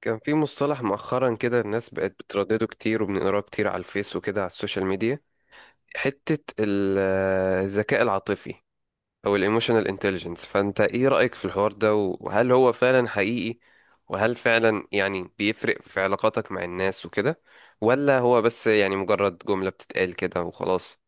كان في مصطلح مؤخرا كده الناس بقت بتردده كتير وبنقراه كتير على الفيس وكده على السوشيال ميديا. حتة ال- الذكاء العاطفي أو الايموشنال انتليجنس، فأنت إيه رأيك في الحوار ده؟ وهل هو فعلا حقيقي؟ وهل فعلا بيفرق في علاقاتك مع الناس وكده، ولا هو بس يعني مجرد جملة بتتقال كده وخلاص؟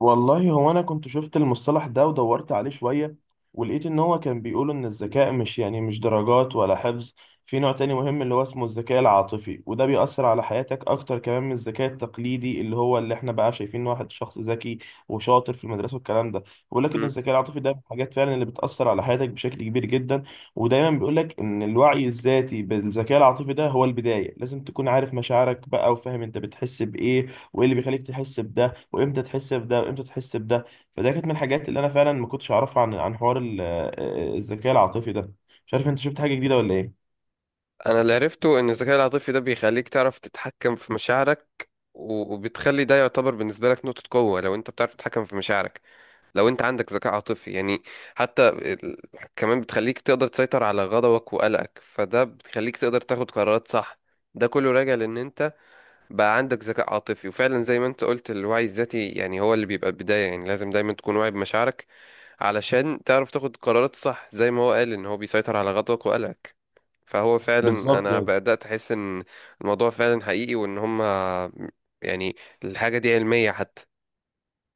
والله هو انا كنت شفت المصطلح ده ودورت عليه شوية، ولقيت ان هو كان بيقول ان الذكاء مش يعني مش درجات ولا حفظ. في نوع تاني مهم اللي هو اسمه الذكاء العاطفي، وده بيأثر على حياتك اكتر كمان من الذكاء التقليدي اللي هو اللي احنا بقى شايفين إن واحد شخص ذكي وشاطر في المدرسة والكلام ده. ولكن مم. الذكاء العاطفي ده من الحاجات فعلا اللي بتأثر على حياتك بشكل كبير جدا. ودايما بيقول لك ان الوعي الذاتي بالذكاء العاطفي ده هو البداية، لازم تكون عارف مشاعرك بقى وفاهم انت بتحس بايه، وايه اللي بيخليك تحس بده، وامتى تحس بده وامتى تحس بده. فده كانت من الحاجات اللي انا فعلا ما كنتش اعرفها عن حوار الذكاء العاطفي ده. مش عارف انت شفت حاجه جديده ولا ايه. أنا اللي عرفته إن الذكاء العاطفي ده بيخليك تعرف تتحكم في مشاعرك، وبتخلي ده يعتبر بالنسبة لك نقطة قوة لو أنت بتعرف تتحكم في مشاعرك، لو انت عندك ذكاء عاطفي يعني. حتى ال- كمان بتخليك تقدر تسيطر على غضبك وقلقك، فده بتخليك تقدر تاخد قرارات صح. ده كله راجع لان انت بقى عندك ذكاء عاطفي، وفعلا زي ما انت قلت الوعي الذاتي يعني هو اللي بيبقى البداية، يعني لازم دايما تكون واعي بمشاعرك علشان تعرف تاخد قرارات صح، زي ما هو قال ان هو بيسيطر على غضبك وقلقك. فهو فعلا بالظبط انا يعني. بدأت احس ان الموضوع فعلا حقيقي، وان هما يعني الحاجة دي علمية حتى.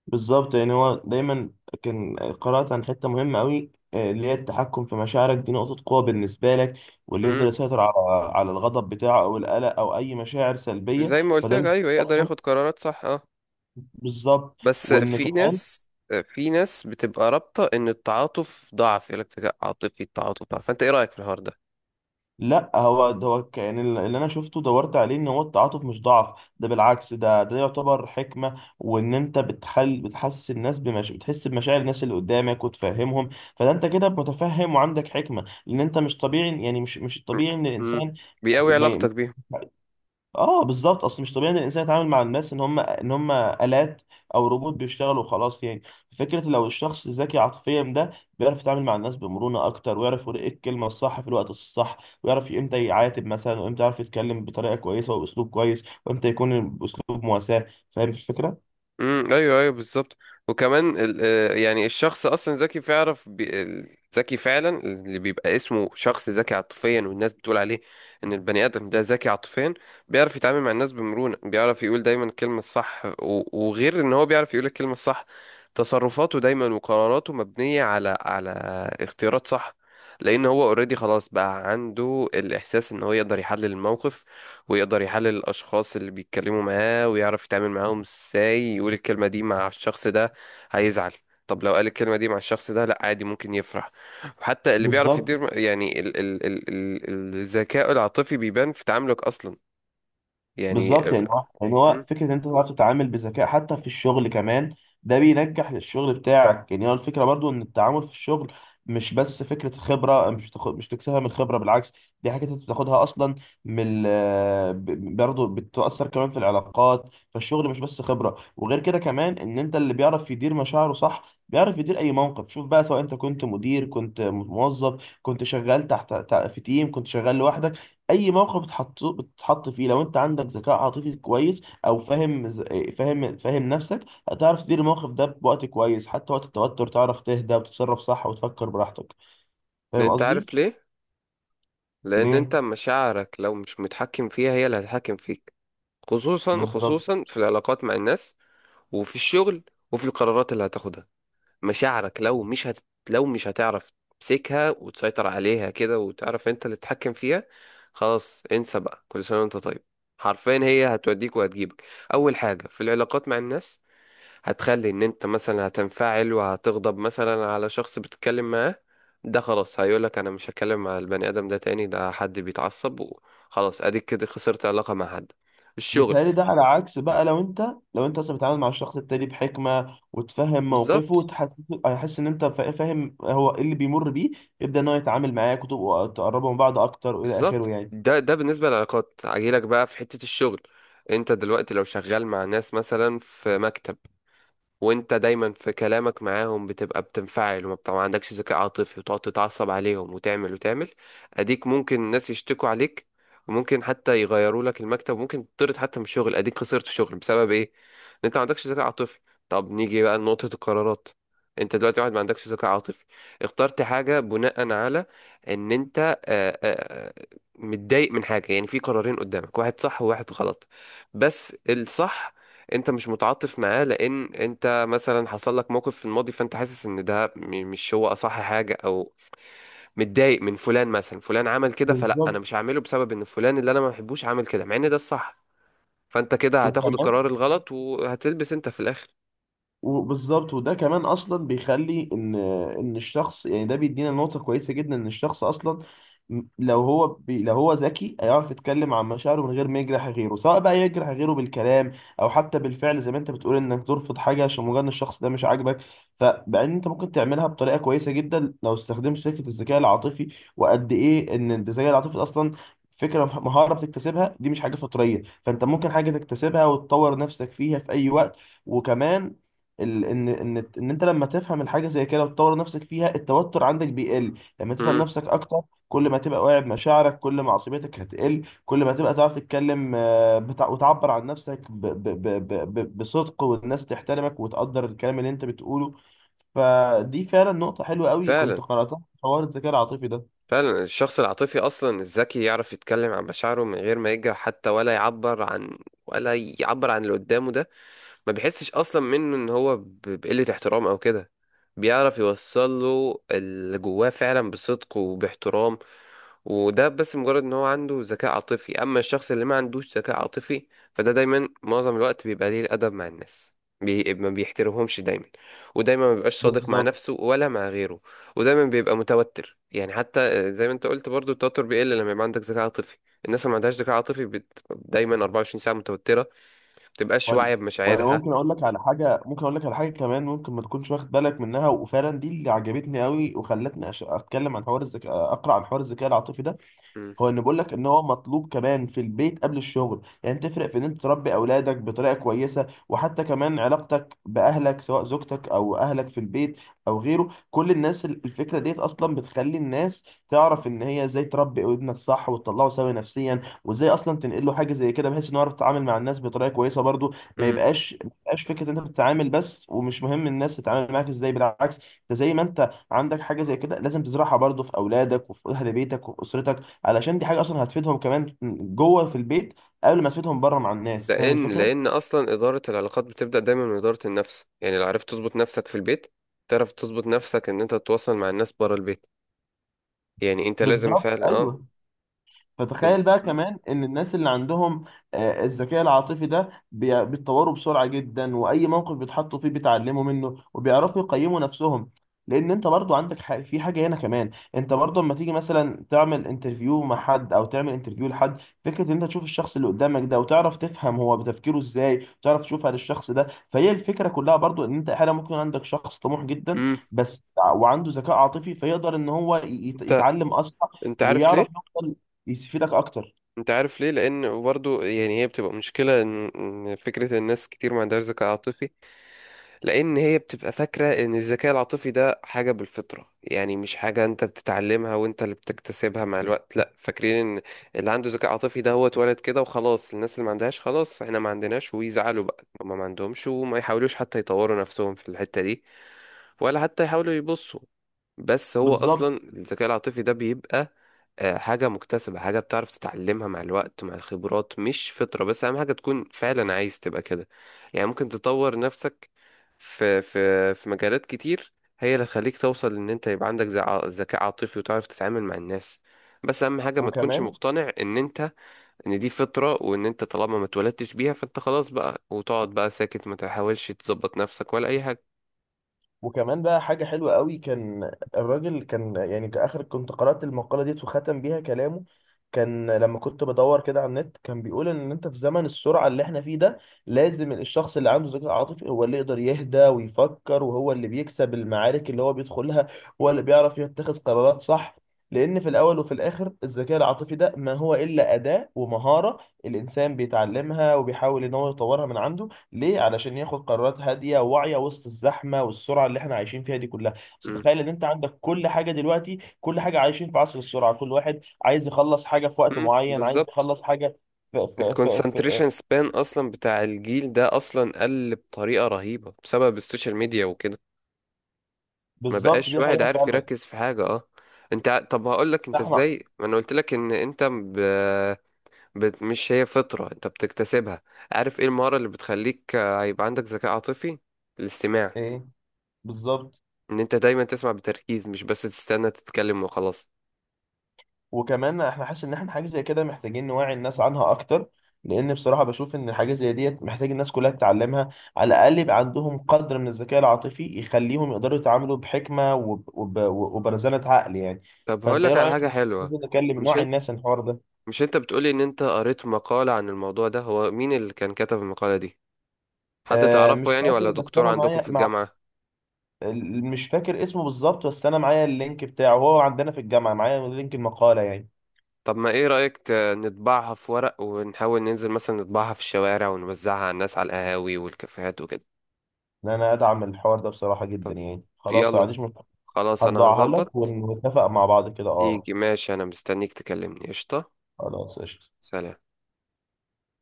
بالظبط يعني هو دايما كان قرات عن حته مهمه قوي، اللي هي التحكم في مشاعرك، دي نقطه قوه بالنسبه لك. واللي يقدر مم. يسيطر على الغضب بتاعه او القلق او اي مشاعر سلبيه، زي ما قلت فده لك، بيخليه ايوه يقدر اصلا. ياخد قرارات صح، اه. بالظبط، بس وان في كمان. ناس، في ناس بتبقى رابطة ان التعاطف ضعف، يقول لك ذكاء عاطفي، التعاطف ضعف، فانت ايه رأيك في الحوار ده؟ لا، هو ده هو يعني اللي انا شفته دورت عليه ان هو التعاطف مش ضعف، ده بالعكس، ده يعتبر حكمه، وان انت بتحل بتحسس الناس بمش... بتحس بمشاعر الناس اللي قدامك وتفهمهم. فده انت كده متفهم وعندك حكمه، لان انت مش طبيعي يعني، مش م- الطبيعي ان م. الانسان... بيقوي ما ي- علاقتك بيهم. اه بالظبط. اصل مش طبيعي ان الانسان يتعامل مع الناس ان هم الات او روبوت بيشتغلوا وخلاص يعني. فكره لو الشخص ذكي عاطفيا ده بيعرف يتعامل مع الناس بمرونه اكتر، ويعرف يقول ايه الكلمه الصح في الوقت الصح، ويعرف امتى يعاتب مثلا، وامتى يعرف يتكلم بطريقه كويسه وباسلوب كويس، وامتى يكون باسلوب مواساه. فاهم الفكره. امم، ايوه ايوه بالظبط. وكمان ال- يعني الشخص اصلا ذكي، ذكي فعلا اللي بيبقى اسمه شخص ذكي عاطفيا، والناس بتقول عليه ان البني ادم ده ذكي عاطفيا. بيعرف يتعامل مع الناس بمرونة، بيعرف يقول دايما الكلمة الصح، وغير ان هو بيعرف يقول الكلمة الصح، تصرفاته دايما وقراراته مبنية على اختيارات صح، لان هو اوريدي خلاص بقى عنده الاحساس ان هو يقدر يحلل الموقف، ويقدر يحلل الأشخاص اللي بيتكلموا معاه، ويعرف يتعامل معاهم ازاي. يقول الكلمة دي مع الشخص ده، هيزعل. طب لو قال الكلمة دي مع الشخص ده، لأ عادي ممكن يفرح. وحتى اللي بيعرف بالظبط. يدير يعني ال ال ال ال الذكاء العاطفي بيبان في تعاملك أصلا. يعني بالظبط يعني هو يعني هو أم، فكره ان انت تعرف تتعامل بذكاء حتى في الشغل كمان. ده بينجح الشغل بتاعك. يعني هو الفكره برضو ان التعامل في الشغل مش بس فكره خبره، مش تاخد مش تكسبها من الخبره، بالعكس، دي حاجه انت بتاخدها اصلا من برضو بتاثر كمان في العلاقات. فالشغل مش بس خبره. وغير كده كمان ان انت اللي بيعرف يدير مشاعره صح بيعرف يدير اي موقف، شوف بقى، سواء انت كنت مدير، كنت موظف، كنت شغال في تيم، كنت شغال لوحدك، اي موقف بتتحط فيه، لو انت عندك ذكاء عاطفي كويس او فاهم فاهم نفسك، هتعرف تدير الموقف ده بوقت كويس. حتى وقت التوتر تعرف تهدى وتتصرف صح وتفكر براحتك. فاهم أنت قصدي. عارف ليه؟ لأن ليه؟ أنت مشاعرك لو مش متحكم فيها، هي اللي هتتحكم فيك. خصوصا بالظبط. خصوصا في العلاقات مع الناس، وفي الشغل، وفي القرارات اللي هتاخدها. مشاعرك لو مش هت... لو مش هتعرف تمسكها وتسيطر عليها كده، وتعرف انت اللي تتحكم فيها، خلاص انسى بقى، كل سنة وانت طيب. حرفيا هي هتوديك وهتجيبك. اول حاجة في العلاقات مع الناس، هتخلي ان انت مثلا هتنفعل وهتغضب مثلا على شخص بتتكلم معاه، ده خلاص هيقولك انا مش هتكلم مع البني ادم ده تاني، ده حد بيتعصب وخلاص، اديك كده خسرت علاقة مع حد. الشغل، متهيألي ده على عكس بقى لو انت، لو انت اصلا بتتعامل مع الشخص التاني بحكمة وتفهم موقفه بالظبط. وتحس، هيحس ان انت فاهم هو ايه اللي بيمر بيه، يبدأ ان هو يتعامل معاك وتبقوا تقربوا من بعض اكتر والى اخره يعني. ده بالنسبة للعلاقات، هجيلك بقى في حتة الشغل. انت دلوقتي لو شغال مع ناس مثلا في مكتب، وانت دايما في كلامك معاهم بتبقى بتنفعل، وما بتبقى ما عندكش ذكاء عاطفي، وتقعد تتعصب عليهم وتعمل وتعمل، اديك ممكن الناس يشتكوا عليك، وممكن حتى يغيروا لك المكتب، وممكن تطرد حتى من الشغل، اديك خسرت شغل بسبب ايه؟ ان انت ما عندكش ذكاء عاطفي. طب نيجي بقى لنقطة القرارات. انت دلوقتي واحد ما عندكش ذكاء عاطفي، اخترت حاجة بناء على ان انت متضايق من حاجة. يعني في قرارين قدامك، واحد صح وواحد غلط، بس الصح انت مش متعاطف معاه لان انت مثلا حصل لك موقف في الماضي، فانت حاسس ان ده مش هو اصح حاجه، او متضايق من فلان، مثلا فلان عمل كده، فلا انا بالظبط. مش هعمله بسبب ان فلان اللي انا ما بحبوش عمل كده، مع ان ده الصح. فانت كده هتاخد وكمان. القرار الغلط، وهتلبس انت في الاخر. وبالظبط. وده كمان اصلا بيخلي ان ان الشخص يعني ده بيدينا نقطة كويسة جدا. ان الشخص اصلا، لو هو ذكي هيعرف يتكلم عن مشاعره من غير ما يجرح غيره، سواء بقى يجرح غيره بالكلام او حتى بالفعل، زي ما انت بتقول انك ترفض حاجة عشان مجرد إن الشخص ده مش عاجبك. فبعدين انت ممكن تعملها بطريقة كويسة جدا لو استخدمت فكرة الذكاء العاطفي. وقد ايه ان الذكاء العاطفي ده اصلا فكرة مهارة بتكتسبها، دي مش حاجة فطرية، فانت ممكن حاجة تكتسبها وتطور نفسك فيها في اي وقت. وكمان ان انت لما تفهم الحاجه زي كده وتطور نفسك فيها، التوتر عندك بيقل. لما تفهم امم. نفسك اكتر، كل ما تبقى واعي بمشاعرك كل ما عصبيتك هتقل، كل ما تبقى تعرف تتكلم، وتعبر عن نفسك ب ب بصدق والناس تحترمك وتقدر الكلام اللي انت بتقوله. فدي فعلا نقطه حلوه قوي كنت فعلا، قراتها في حوار الذكاء العاطفي ده. فعلا الشخص العاطفي اصلا الذكي يعرف يتكلم عن مشاعره من غير ما يجرح حتى، ولا يعبر عن اللي قدامه ده، ما بيحسش اصلا منه ان هو بقلة احترام او كده، بيعرف يوصل له اللي جواه فعلا بصدق وباحترام. وده بس مجرد ان هو عنده ذكاء عاطفي. اما الشخص اللي ما عندوش ذكاء عاطفي، فده دايما معظم الوقت بيبقى ليه الادب مع الناس، ما بيحترمهمش دايما، ودايما ما بيبقاش صادق مع بالظبط. نفسه ولا مع غيره، ودايما بيبقى متوتر. يعني حتى زي ما انت قلت برضو، التوتر بيقل لما يبقى عندك ذكاء عاطفي. الناس اللي ما عندهاش ذكاء عاطفي دايما 24 ساعة متوترة، ما بتبقاش وانا واعية وانا بمشاعرها. ممكن اقول لك على حاجه، ممكن اقول لك على حاجه كمان ممكن ما تكونش واخد بالك منها، وفعلا دي اللي عجبتني قوي وخلتني اتكلم عن حوار الذكاء، اقرا عن حوار الذكاء العاطفي ده. مم. هو ان بقول لك ان هو مطلوب كمان في البيت قبل الشغل. يعني تفرق في ان انت تربي اولادك بطريقه كويسه، وحتى كمان علاقتك باهلك سواء زوجتك او اهلك في البيت او غيره، كل الناس. الفكره ديت اصلا بتخلي الناس تعرف ان هي ازاي تربي ابنك صح وتطلعه سوي نفسيا، وازاي اصلا تنقل له حاجه زي كده بحيث انه يعرف يتعامل مع الناس بطريقه كويسه برضو. ما مم. يبقاش فكره انت بتتعامل بس ومش مهم الناس تتعامل معاك ازاي، بالعكس. انت زي ما انت عندك حاجه زي كده لازم تزرعها برضو في اولادك وفي اهل بيتك وفي اسرتك، علشان دي حاجه اصلا هتفيدهم كمان جوه في البيت قبل ما تفيدهم بره مع الناس. فاهم لأن الفكره. لأن أصلا إدارة العلاقات بتبدأ دايما من إدارة النفس. يعني لو عرفت تظبط نفسك في البيت، تعرف تظبط نفسك إن أنت تتواصل مع الناس بره البيت. يعني أنت لازم بالظبط فعلا أه. ايوه. فتخيل بقى مم. كمان ان الناس اللي عندهم الذكاء العاطفي ده بيتطوروا بسرعه جدا، واي موقف بيتحطوا فيه بيتعلموا منه وبيعرفوا يقيموا نفسهم. لان انت برضو عندك في حاجه هنا كمان، انت برضو لما تيجي مثلا تعمل انترفيو مع حد او تعمل انترفيو لحد، فكره ان انت تشوف الشخص اللي قدامك ده وتعرف تفهم هو بتفكيره ازاي، تعرف تشوف هذا الشخص ده. فهي الفكره كلها برضو ان انت احيانا ممكن عندك شخص طموح جدا مم. بس، وعنده ذكاء عاطفي، فيقدر ان هو أنت يتعلم اسرع أنت عارف ليه؟ ويعرف يفيدك اكتر. أنت عارف ليه؟ لأن برضو يعني هي بتبقى مشكلة، إن فكرة الناس كتير ما عندهاش ذكاء عاطفي، لان هي بتبقى فاكره ان الذكاء العاطفي ده حاجه بالفطره، يعني مش حاجه انت بتتعلمها وانت اللي بتكتسبها مع الوقت. لا، فاكرين ان اللي عنده ذكاء عاطفي ده هو اتولد كده وخلاص، الناس اللي ما عندهاش خلاص احنا ما عندناش، ويزعلوا بقى هما ما عندهمش، وما يحاولوش حتى يطوروا نفسهم في الحته دي، ولا حتى يحاولوا يبصوا. بس هو بالظبط. اصلا الذكاء العاطفي ده بيبقى حاجة مكتسبة، حاجة بتعرف تتعلمها مع الوقت مع الخبرات، مش فطرة. بس أهم حاجة تكون فعلا عايز تبقى كده، يعني ممكن تطور نفسك في مجالات كتير، هي اللي تخليك توصل إن أنت يبقى عندك ذكاء عاطفي وتعرف تتعامل مع الناس. بس أهم حاجة ما تكونش وكمان. مقتنع إن أنت، إن دي فطرة، وإن أنت طالما ما اتولدتش بيها فأنت خلاص بقى، وتقعد بقى ساكت، ما تحاولش تظبط نفسك ولا أي حاجة. وكمان بقى حاجه حلوه قوي كان الراجل كان يعني كاخر كنت قرات المقاله ديت وختم بيها كلامه. كان لما كنت بدور كده على النت كان بيقول ان انت في زمن السرعه اللي احنا فيه ده، لازم الشخص اللي عنده ذكاء عاطفي هو اللي يقدر يهدى ويفكر، وهو اللي بيكسب المعارك اللي هو بيدخلها، هو اللي بيعرف يتخذ قرارات صح. لان في الاول وفي الاخر الذكاء العاطفي ده ما هو الا اداه ومهاره الانسان بيتعلمها وبيحاول ان هو يطورها من عنده. ليه؟ علشان ياخد قرارات هادية واعية وسط الزحمة والسرعة اللي احنا عايشين فيها دي كلها. بس م- تخيل ان انت عندك كل حاجة دلوقتي، كل حاجة عايشين في عصر السرعة، كل واحد عايز يخلص حاجة في وقت م- معين، عايز بالظبط. يخلص حاجة في الكونسنتريشن سبان اصلا بتاع الجيل ده اصلا قل بطريقه رهيبه بسبب السوشيال ميديا وكده، ما بالظبط، بقاش دي واحد حقيقة عارف فعلا. يركز في حاجه، اه. طب هقول لك انت احنا ازاي. ما انا قلت لك ان انت مش هي فطره، انت بتكتسبها. عارف ايه المهاره اللي بتخليك هيبقى عندك ذكاء عاطفي؟ الاستماع. ايه؟ بالظبط. ان انت دايما تسمع بتركيز، مش بس تستنى تتكلم وخلاص. وكمان احنا حاسس ان احنا حاجه زي كده محتاجين نوعي الناس عنها اكتر، لان بصراحه بشوف ان الحاجه زي ديت محتاج الناس كلها تتعلمها، على الاقل يبقى عندهم قدر من الذكاء العاطفي يخليهم يقدروا يتعاملوا بحكمه وبرزانه عقل يعني. طب هقول فانت ايه لك على رايك، حاجه حلوه. ممكن نكلم مش نوع انت الناس عن الحوار ده؟ مش انت بتقولي ان انت قريت مقاله عن الموضوع ده، هو مين اللي كان كتب المقاله دي؟ حد آه، تعرفه مش يعني، فاكر، ولا بس دكتور انا عندكم معايا في مع الجامعة؟ مش فاكر اسمه بالظبط، بس انا معايا اللينك بتاعه، هو عندنا في الجامعه معايا لينك المقاله يعني. طب ما ايه رأيك نطبعها في ورق، ونحاول ننزل مثلا نطبعها في الشوارع، ونوزعها على الناس على القهاوي والكافيهات وكده؟ ان انا ادعم الحوار ده بصراحه طب، جدا يعني. خلاص، ما يلا، عنديش مشكله. خلاص انا هطبعها لك هظبط. ونتفق مع بعض كده اه. تيجي ماشي، انا مستنيك تكلمني، قشطة. خلاص، قشطة. سلام.